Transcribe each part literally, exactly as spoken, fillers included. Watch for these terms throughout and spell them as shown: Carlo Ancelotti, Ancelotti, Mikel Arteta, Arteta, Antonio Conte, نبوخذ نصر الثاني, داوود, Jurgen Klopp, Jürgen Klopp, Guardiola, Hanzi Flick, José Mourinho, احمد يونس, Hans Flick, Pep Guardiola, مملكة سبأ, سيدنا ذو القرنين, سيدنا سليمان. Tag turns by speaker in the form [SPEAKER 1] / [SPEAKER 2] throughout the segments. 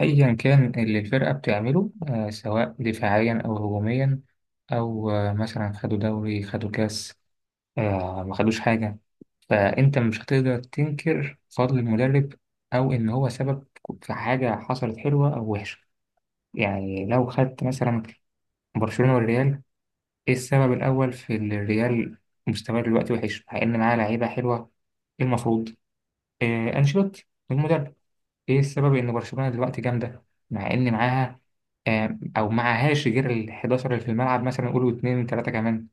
[SPEAKER 1] أيا كان اللي الفرقة بتعمله آه، سواء دفاعيا أو هجوميا. أو آه، مثلا خدوا دوري خدوا كاس. آه، ما خدوش حاجة. فأنت مش هتقدر تنكر فضل المدرب أو إن هو سبب في حاجة حصلت حلوة أو وحشة. يعني لو خدت مثلا برشلونة والريال، إيه السبب الأول في إن الريال مستواه دلوقتي وحش مع إن معاه لعيبة حلوة؟ إيه المفروض؟ آه، أنشيلوتي المدرب. ايه السبب ان برشلونة دلوقتي جامدة مع ان معاها آم، او معهاش غير ال أحد عشر اللي في الملعب، مثلا قولوا اتنين تلاتة كمان،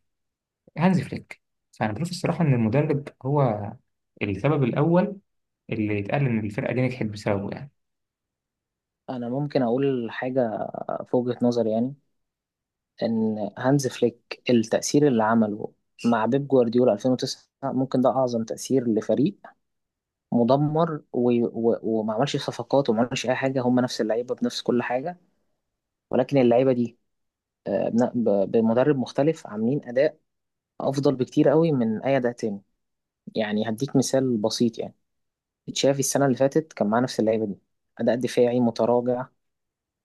[SPEAKER 1] هانزي فليك. فانا بشوف الصراحة ان المدرب هو السبب الاول اللي يتقال ان الفرقة دي نجحت بسببه يعني.
[SPEAKER 2] انا ممكن اقول حاجه في وجهه نظري، يعني ان هانز فليك التاثير اللي عمله مع بيب جوارديولا ألفين وتسعة ممكن ده اعظم تاثير لفريق مدمر، و... و... وما عملش صفقات وما عملش اي حاجه، هم نفس اللعيبه بنفس كل حاجه، ولكن اللعيبه دي آه، بن- ب- بمدرب مختلف عاملين اداء افضل بكتير قوي من اي اداء تاني. يعني هديك مثال بسيط، يعني تشافي السنه اللي فاتت كان معاه نفس اللعيبه دي، اداء دفاعي متراجع،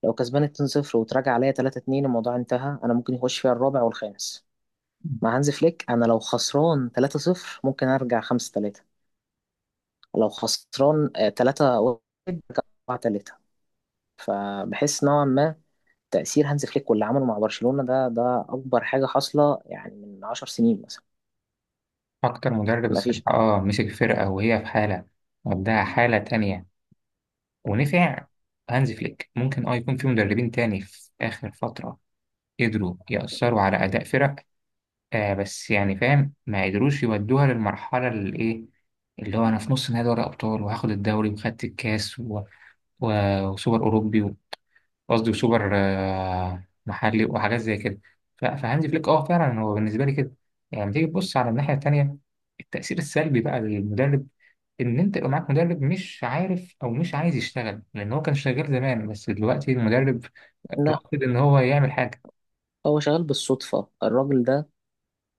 [SPEAKER 2] لو كسبان اتنين صفر وتراجع عليا تلاتة اتنين الموضوع انتهى، انا ممكن يخش فيها الرابع والخامس. مع هانز فليك انا لو خسران تلاتة صفر ممكن ارجع خمسة تلاتة، لو خسران آه، تلاتة واحد، اربعة تلاتة. فبحس نوعا ما تأثير هانز فليك واللي عمله مع برشلونة ده ده أكبر حاجة حاصلة، يعني من 10 سنين مثلا.
[SPEAKER 1] اكتر مدرب الصراحة
[SPEAKER 2] مفيش.
[SPEAKER 1] اه مسك فرقة وهي في حالة وداها حالة تانية ونفع هانزي فليك. ممكن اه يكون في مدربين تاني في اخر فترة قدروا يأثروا على اداء فرق، آه بس يعني فاهم ما قدروش يودوها للمرحلة اللي إيه، اللي هو أنا في نص نهائي دوري أبطال وهاخد الدوري وخدت الكاس و... و... وسوبر أوروبي و- قصدي وسوبر آه محلي وحاجات زي كده. ف... فهانزي فليك أه فعلا هو بالنسبة لي كده. يعني لما تيجي تبص على الناحية التانية، التأثير السلبي بقى للمدرب، إن أنت يبقى معاك مدرب مش عارف أو مش عايز يشتغل لأن هو كان شغال زمان بس دلوقتي المدرب
[SPEAKER 2] لا،
[SPEAKER 1] رافض إن هو يعمل حاجة.
[SPEAKER 2] هو شغال بالصدفة الراجل ده،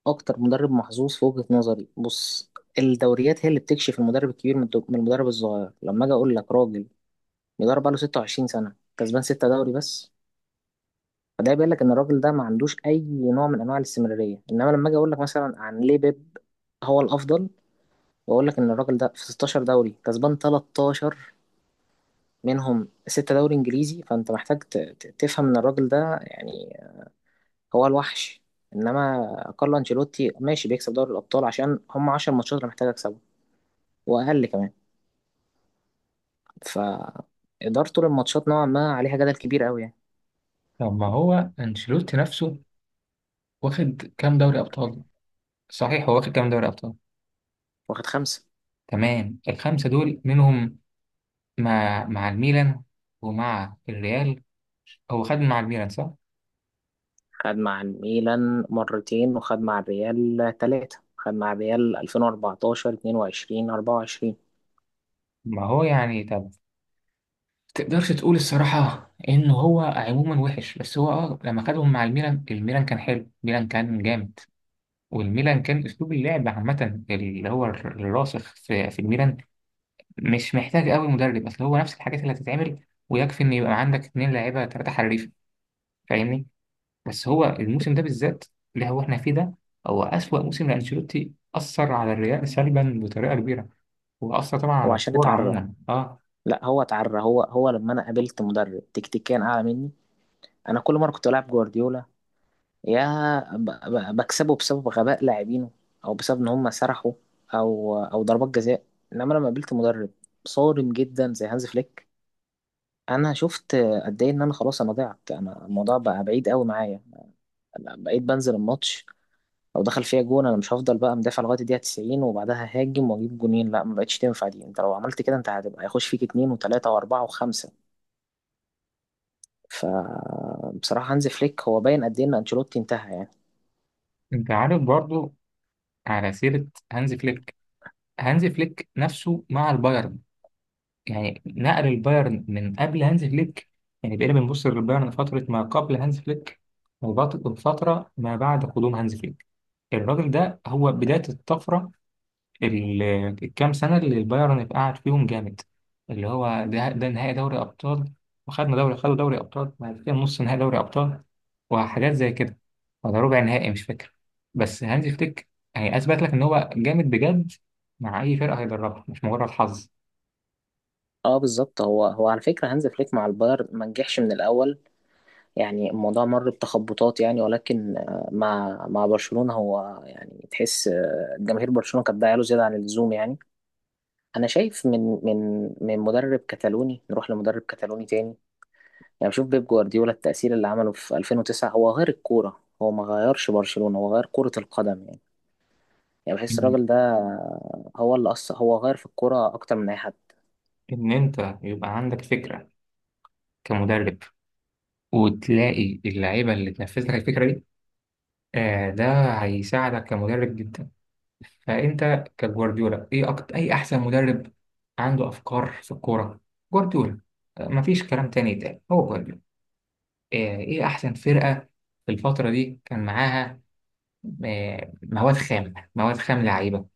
[SPEAKER 2] أكتر مدرب محظوظ في وجهة نظري. بص، الدوريات هي اللي بتكشف المدرب الكبير من الد- من المدرب الصغير. لما أجي أقول لك راجل بيدرب بقاله 26 سنة كسبان ستة دوري بس، فده بيقول لك إن الراجل ده ما عندوش أي نوع من أنواع الاستمرارية. إنما لما أجي أقول لك مثلا عن ليه بيب هو الأفضل، وأقول لك إن الراجل ده في 16 دوري كسبان تلتاشر منهم ستة دوري إنجليزي، فأنت محتاج ت- ت- تفهم إن الراجل ده يعني هو الوحش. إنما كارلو أنشيلوتي ماشي بيكسب دوري الأبطال عشان هم 10 ماتشات اللي محتاج أكسبهم وأقل كمان. فإدارته للماتشات نوعا ما عليها جدل كبير أوي يعني.
[SPEAKER 1] طب ما هو أنشيلوتي نفسه واخد كام دوري أبطال؟ صحيح، هو واخد كام دوري ابطال؟
[SPEAKER 2] واخد خمسة.
[SPEAKER 1] تمام، الخمسه دول منهم مع مع الميلان ومع الريال. هو خد مع الميلان صح؟
[SPEAKER 2] خد مع الميلان مرتين، وخد مع الريال ثلاثة، خد مع الريال ألفين واربعتاشر، اتنين وعشرين، اربعة وعشرين.
[SPEAKER 1] ما هو يعني طب، تقدرش تقول الصراحه ان هو عموما وحش؟ بس هو اه لما خدهم مع الميلان، الميلان كان حلو، الميلان كان جامد. والميلان كان اسلوب اللعب عامه اللي هو الراسخ في في الميلان، مش محتاج قوي مدرب، اصل هو نفس الحاجات اللي هتتعمل ويكفي ان يبقى عندك اتنين لاعيبه ثلاثه حريفه. فاهمني؟ بس هو الموسم ده بالذات اللي هو احنا فيه ده، هو أسوأ موسم لأنشيلوتي، أثر على الريال سلبا بطريقة كبيرة وأثر طبعا
[SPEAKER 2] هو
[SPEAKER 1] على
[SPEAKER 2] عشان
[SPEAKER 1] الكورة
[SPEAKER 2] اتعرى.
[SPEAKER 1] عموما. اه،
[SPEAKER 2] لا، هو اتعرى هو هو لما انا قابلت مدرب تكتيكيا اعلى مني، انا كل مرة كنت بلعب جوارديولا يا ب- ب- بكسبه بسبب غباء لاعبينه، او بسبب ان هم سرحوا، او او ضربات جزاء. انما لما قابلت مدرب صارم جدا زي هانز فليك انا شفت قد ايه ان انا خلاص، انا ضعت، انا الموضوع بقى بعيد قوي معايا. بقيت بنزل الماتش، لو دخل فيها جون انا مش هفضل بقى مدافع لغايه الدقيقه تسعين وبعدها هاجم واجيب جونين. لا، ما بقتش تنفع دي، انت لو عملت كده انت هتبقى هيخش فيك اتنين وتلاته واربعه وخمسه. فبصراحه هانز فليك هو باين قد ايه ان انشيلوتي انتهى يعني.
[SPEAKER 1] انت عارف برضو، على سيرة هانز فليك، هانز فليك نفسه مع البايرن، يعني نقل البايرن. من قبل هانز فليك، يعني بقينا بنبص للبايرن فترة ما قبل هانز فليك وبط- وفترة ما بعد قدوم هانز فليك. الراجل ده هو بداية الطفرة، ال- الكام سنة اللي البايرن قعد فيهم جامد، اللي هو ده، ده نهائي دوري أبطال وخدنا دوري خدوا دوري أبطال، بعد كده نص نهائي دوري أبطال وحاجات زي كده، ولا ربع نهائي مش فاكر. بس هانزي فليك يعني أثبت لك إن هو جامد بجد مع أي فرقة هيدربها، مش مجرد حظ.
[SPEAKER 2] اه، بالظبط هو هو على فكره هانز فليك مع البايرن ما نجحش من الاول، يعني الموضوع مر بتخبطات يعني، ولكن آه، مع مع برشلونه هو يعني تحس آه، جماهير برشلونه كانت له زياده عن اللزوم يعني. انا شايف من من من مدرب كتالوني نروح لمدرب كتالوني تاني، يعني بشوف بيب جوارديولا التأثير اللي عمله في ألفين وتسعة، هو غير الكورة، هو ما غيرش برشلونة، هو غير كرة القدم يعني. يعني بحس
[SPEAKER 1] إن
[SPEAKER 2] الراجل ده هو اللي أصلا هو غير في الكورة أكتر من أي حد.
[SPEAKER 1] إن أنت يبقى عندك فكرة كمدرب وتلاقي اللعيبة اللي تنفذ لك الفكرة دي، آه ده هيساعدك كمدرب جدا. فانت كجوارديولا، ايه أكتر اي احسن مدرب عنده افكار في الكوره؟ جوارديولا. آه، مفيش كلام تاني يتقال، هو جوارديولا. آه، ايه احسن فرقه في الفتره دي كان معاها آه، مواد خام، مواد خام، لعيبه؟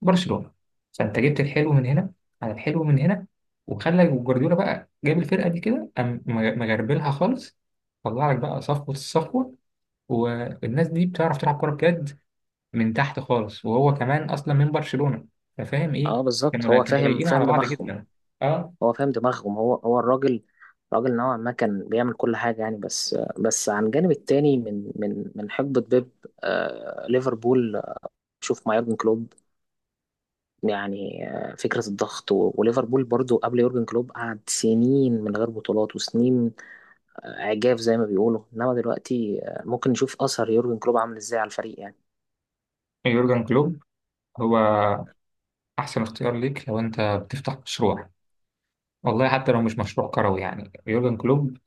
[SPEAKER 1] برشلونه. فانت جبت الحلو من هنا على الحلو من هنا، وخلى جوارديولا بقى جاب الفرقه دي كده، قام مغ- مغربلها خالص، طلع لك بقى صفوه الصفوه، والناس دي بتعرف تلعب كوره بجد من تحت خالص، وهو كمان اصلا من برشلونة، ففاهم
[SPEAKER 2] اه،
[SPEAKER 1] ايه.
[SPEAKER 2] بالظبط
[SPEAKER 1] كانوا
[SPEAKER 2] هو
[SPEAKER 1] كانوا
[SPEAKER 2] فاهم
[SPEAKER 1] لايقين
[SPEAKER 2] فاهم
[SPEAKER 1] على بعض
[SPEAKER 2] دماغهم،
[SPEAKER 1] جدا. اه.
[SPEAKER 2] هو فاهم دماغهم، هو هو الراجل، راجل نوعا ما كان بيعمل كل حاجة يعني بس. بس عن الجانب التاني من من من حقبة بيب. آه ليفربول، شوف مع يورجن كلوب، يعني آه، فكرة الضغط و- وليفربول برضو قبل يورجن كلوب قعد سنين من غير بطولات وسنين عجاف زي ما بيقولوا، انما دلوقتي آه، ممكن نشوف اثر يورجن كلوب عامل ازاي على الفريق يعني.
[SPEAKER 1] يورجن كلوب هو احسن اختيار ليك لو انت بتفتح مشروع، والله حتى لو مش مشروع كروي. يعني يورجن كلوب،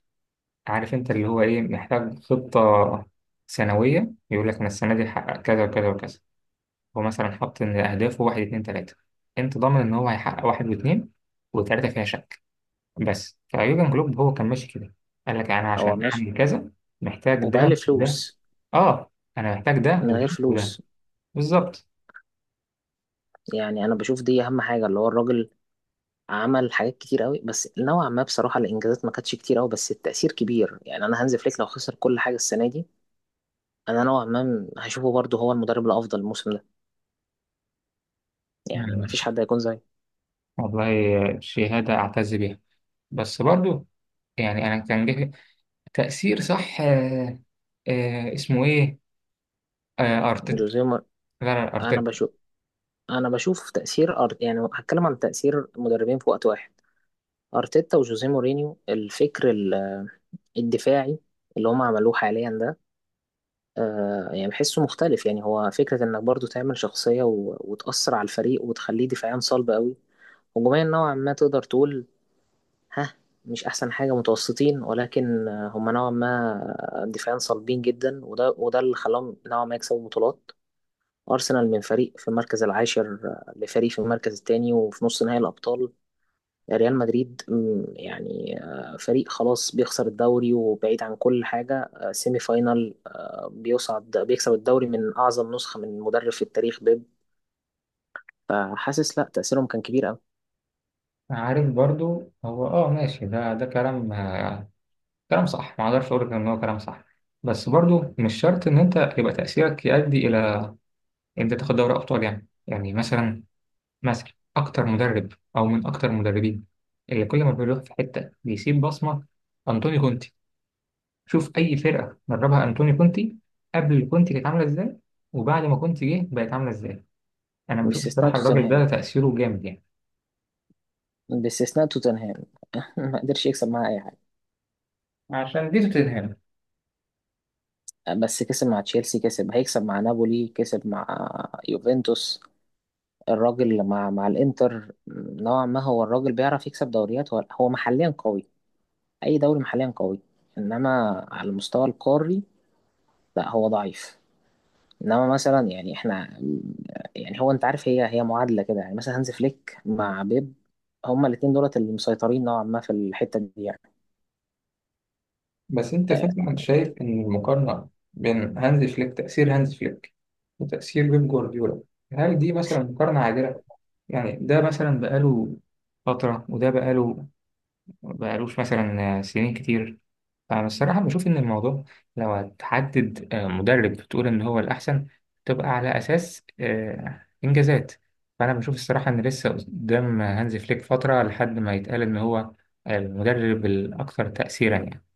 [SPEAKER 1] عارف انت اللي هو ايه، محتاج خطة سنوية يقول لك انا السنة دي هحقق كذا وكذا وكذا. هو مثلا حاطط ان اهدافه واحد اتنين تلاتة، انت ضامن ان هو هيحقق واحد واتنين وتلاتة فيها شك. بس فيورجن كلوب هو كان ماشي كده، قال لك انا
[SPEAKER 2] هو
[SPEAKER 1] عشان
[SPEAKER 2] ماشي،
[SPEAKER 1] اعمل كذا محتاج
[SPEAKER 2] وبقى
[SPEAKER 1] ده ده.
[SPEAKER 2] فلوس،
[SPEAKER 1] اه انا محتاج ده
[SPEAKER 2] من
[SPEAKER 1] وده
[SPEAKER 2] غير
[SPEAKER 1] وده.
[SPEAKER 2] فلوس.
[SPEAKER 1] بالظبط.
[SPEAKER 2] يعني انا بشوف دي اهم حاجه، اللي هو الراجل عمل حاجات كتير قوي، بس نوعا ما بصراحه الانجازات ما كانتش كتير قوي بس التاثير كبير، يعني انا هانز فليك لو خسر كل حاجه السنه دي، انا نوعا ما م- هشوفه برضه هو المدرب الافضل الموسم ده، يعني ما
[SPEAKER 1] يعني
[SPEAKER 2] فيش حد هيكون زي
[SPEAKER 1] والله شهادة أعتز بيها. بس برضو يعني أنا كان جه تأثير صح، آه آه اسمه إيه، آه أرتيتا.
[SPEAKER 2] جوزيه مور-
[SPEAKER 1] لا لا،
[SPEAKER 2] انا
[SPEAKER 1] أرتيتا.
[SPEAKER 2] بشوف انا بشوف تاثير أر... يعني هتكلم عن تاثير مدربين في وقت واحد، ارتيتا وجوزيه مورينيو، الفكر الدفاعي اللي هم عملوه حاليا ده، آه يعني بحسه مختلف، يعني هو فكرة انك برضو تعمل شخصية و... وتأثر على الفريق وتخليه دفاعيا صلب قوي، هجوميا نوعا ما تقدر تقول ها مش احسن حاجة، متوسطين، ولكن آه، هم نوعا ما دفاعيا صلبين جدا، وده وده اللي خلاهم نوعا ما يكسبوا بطولات. أرسنال من فريق في المركز العاشر آه، لفريق في المركز الثاني وفي نص نهائي الأبطال. ريال مدريد، مم، يعني آه، فريق خلاص بيخسر الدوري وبعيد عن كل حاجة، آه، سيمي فاينال، آه، بيصعد بيكسب الدوري من أعظم نسخة من مدرب في التاريخ بيب. فحاسس لا، تأثيرهم كان كبير أوي.
[SPEAKER 1] عارف برضو هو آه ماشي، ده ده كلام، آه كلام صح، ما أقدرش أقول لك إن هو كلام صح. بس برضو مش شرط إن أنت يبقى تأثيرك يؤدي إلى إن أنت تاخد دوري أبطال. يعني يعني مثلا، ماسك أكتر مدرب أو من أكتر المدربين اللي كل ما بيروح في حتة بيسيب بصمة، أنطوني كونتي. شوف أي فرقة دربها أنطوني كونتي، قبل كونتي كانت عاملة إزاي وبعد ما كونتي جه بقت عاملة إزاي. أنا بشوف
[SPEAKER 2] باستثناء
[SPEAKER 1] الصراحة الراجل
[SPEAKER 2] توتنهام
[SPEAKER 1] ده تأثيره جامد يعني.
[SPEAKER 2] باستثناء توتنهام ما قدرش يكسب معاه أي حاجة.
[SPEAKER 1] عشان دي توتنهام.
[SPEAKER 2] آه، بس كسب مع تشيلسي، كسب هيكسب مع نابولي، كسب مع يوفنتوس. الراجل مع مع الإنتر نوعا ما، هو الراجل بيعرف يكسب دوريات، هو هو محليا قوي، اي دوري محليا قوي، انما على المستوى القاري لا هو ضعيف، انما مثلا يعني احنا، يعني هو انت عارف، هي هي معادله كده يعني، مثلا هانز فليك مع بيب هما الاثنين دولت اللي مسيطرين نوعا ما في الحته دي
[SPEAKER 1] بس أنت
[SPEAKER 2] يعني.
[SPEAKER 1] فعلا شايف إن المقارنة بين هانز فليك، تأثير هانز فليك وتأثير بيب جوارديولا، هل دي مثلا مقارنة عادلة؟ يعني ده مثلا بقاله فترة وده بقاله، بقالوش مثلا سنين كتير. فأنا الصراحة بشوف إن الموضوع، لو هتحدد آه، مدرب بتقول إن هو الأحسن، تبقى على أساس آه، إنجازات. فأنا بشوف الصراحة إن لسه قدام هانزي فليك فترة لحد ما يتقال إن هو المدرب الأكثر تأثيرا يعني.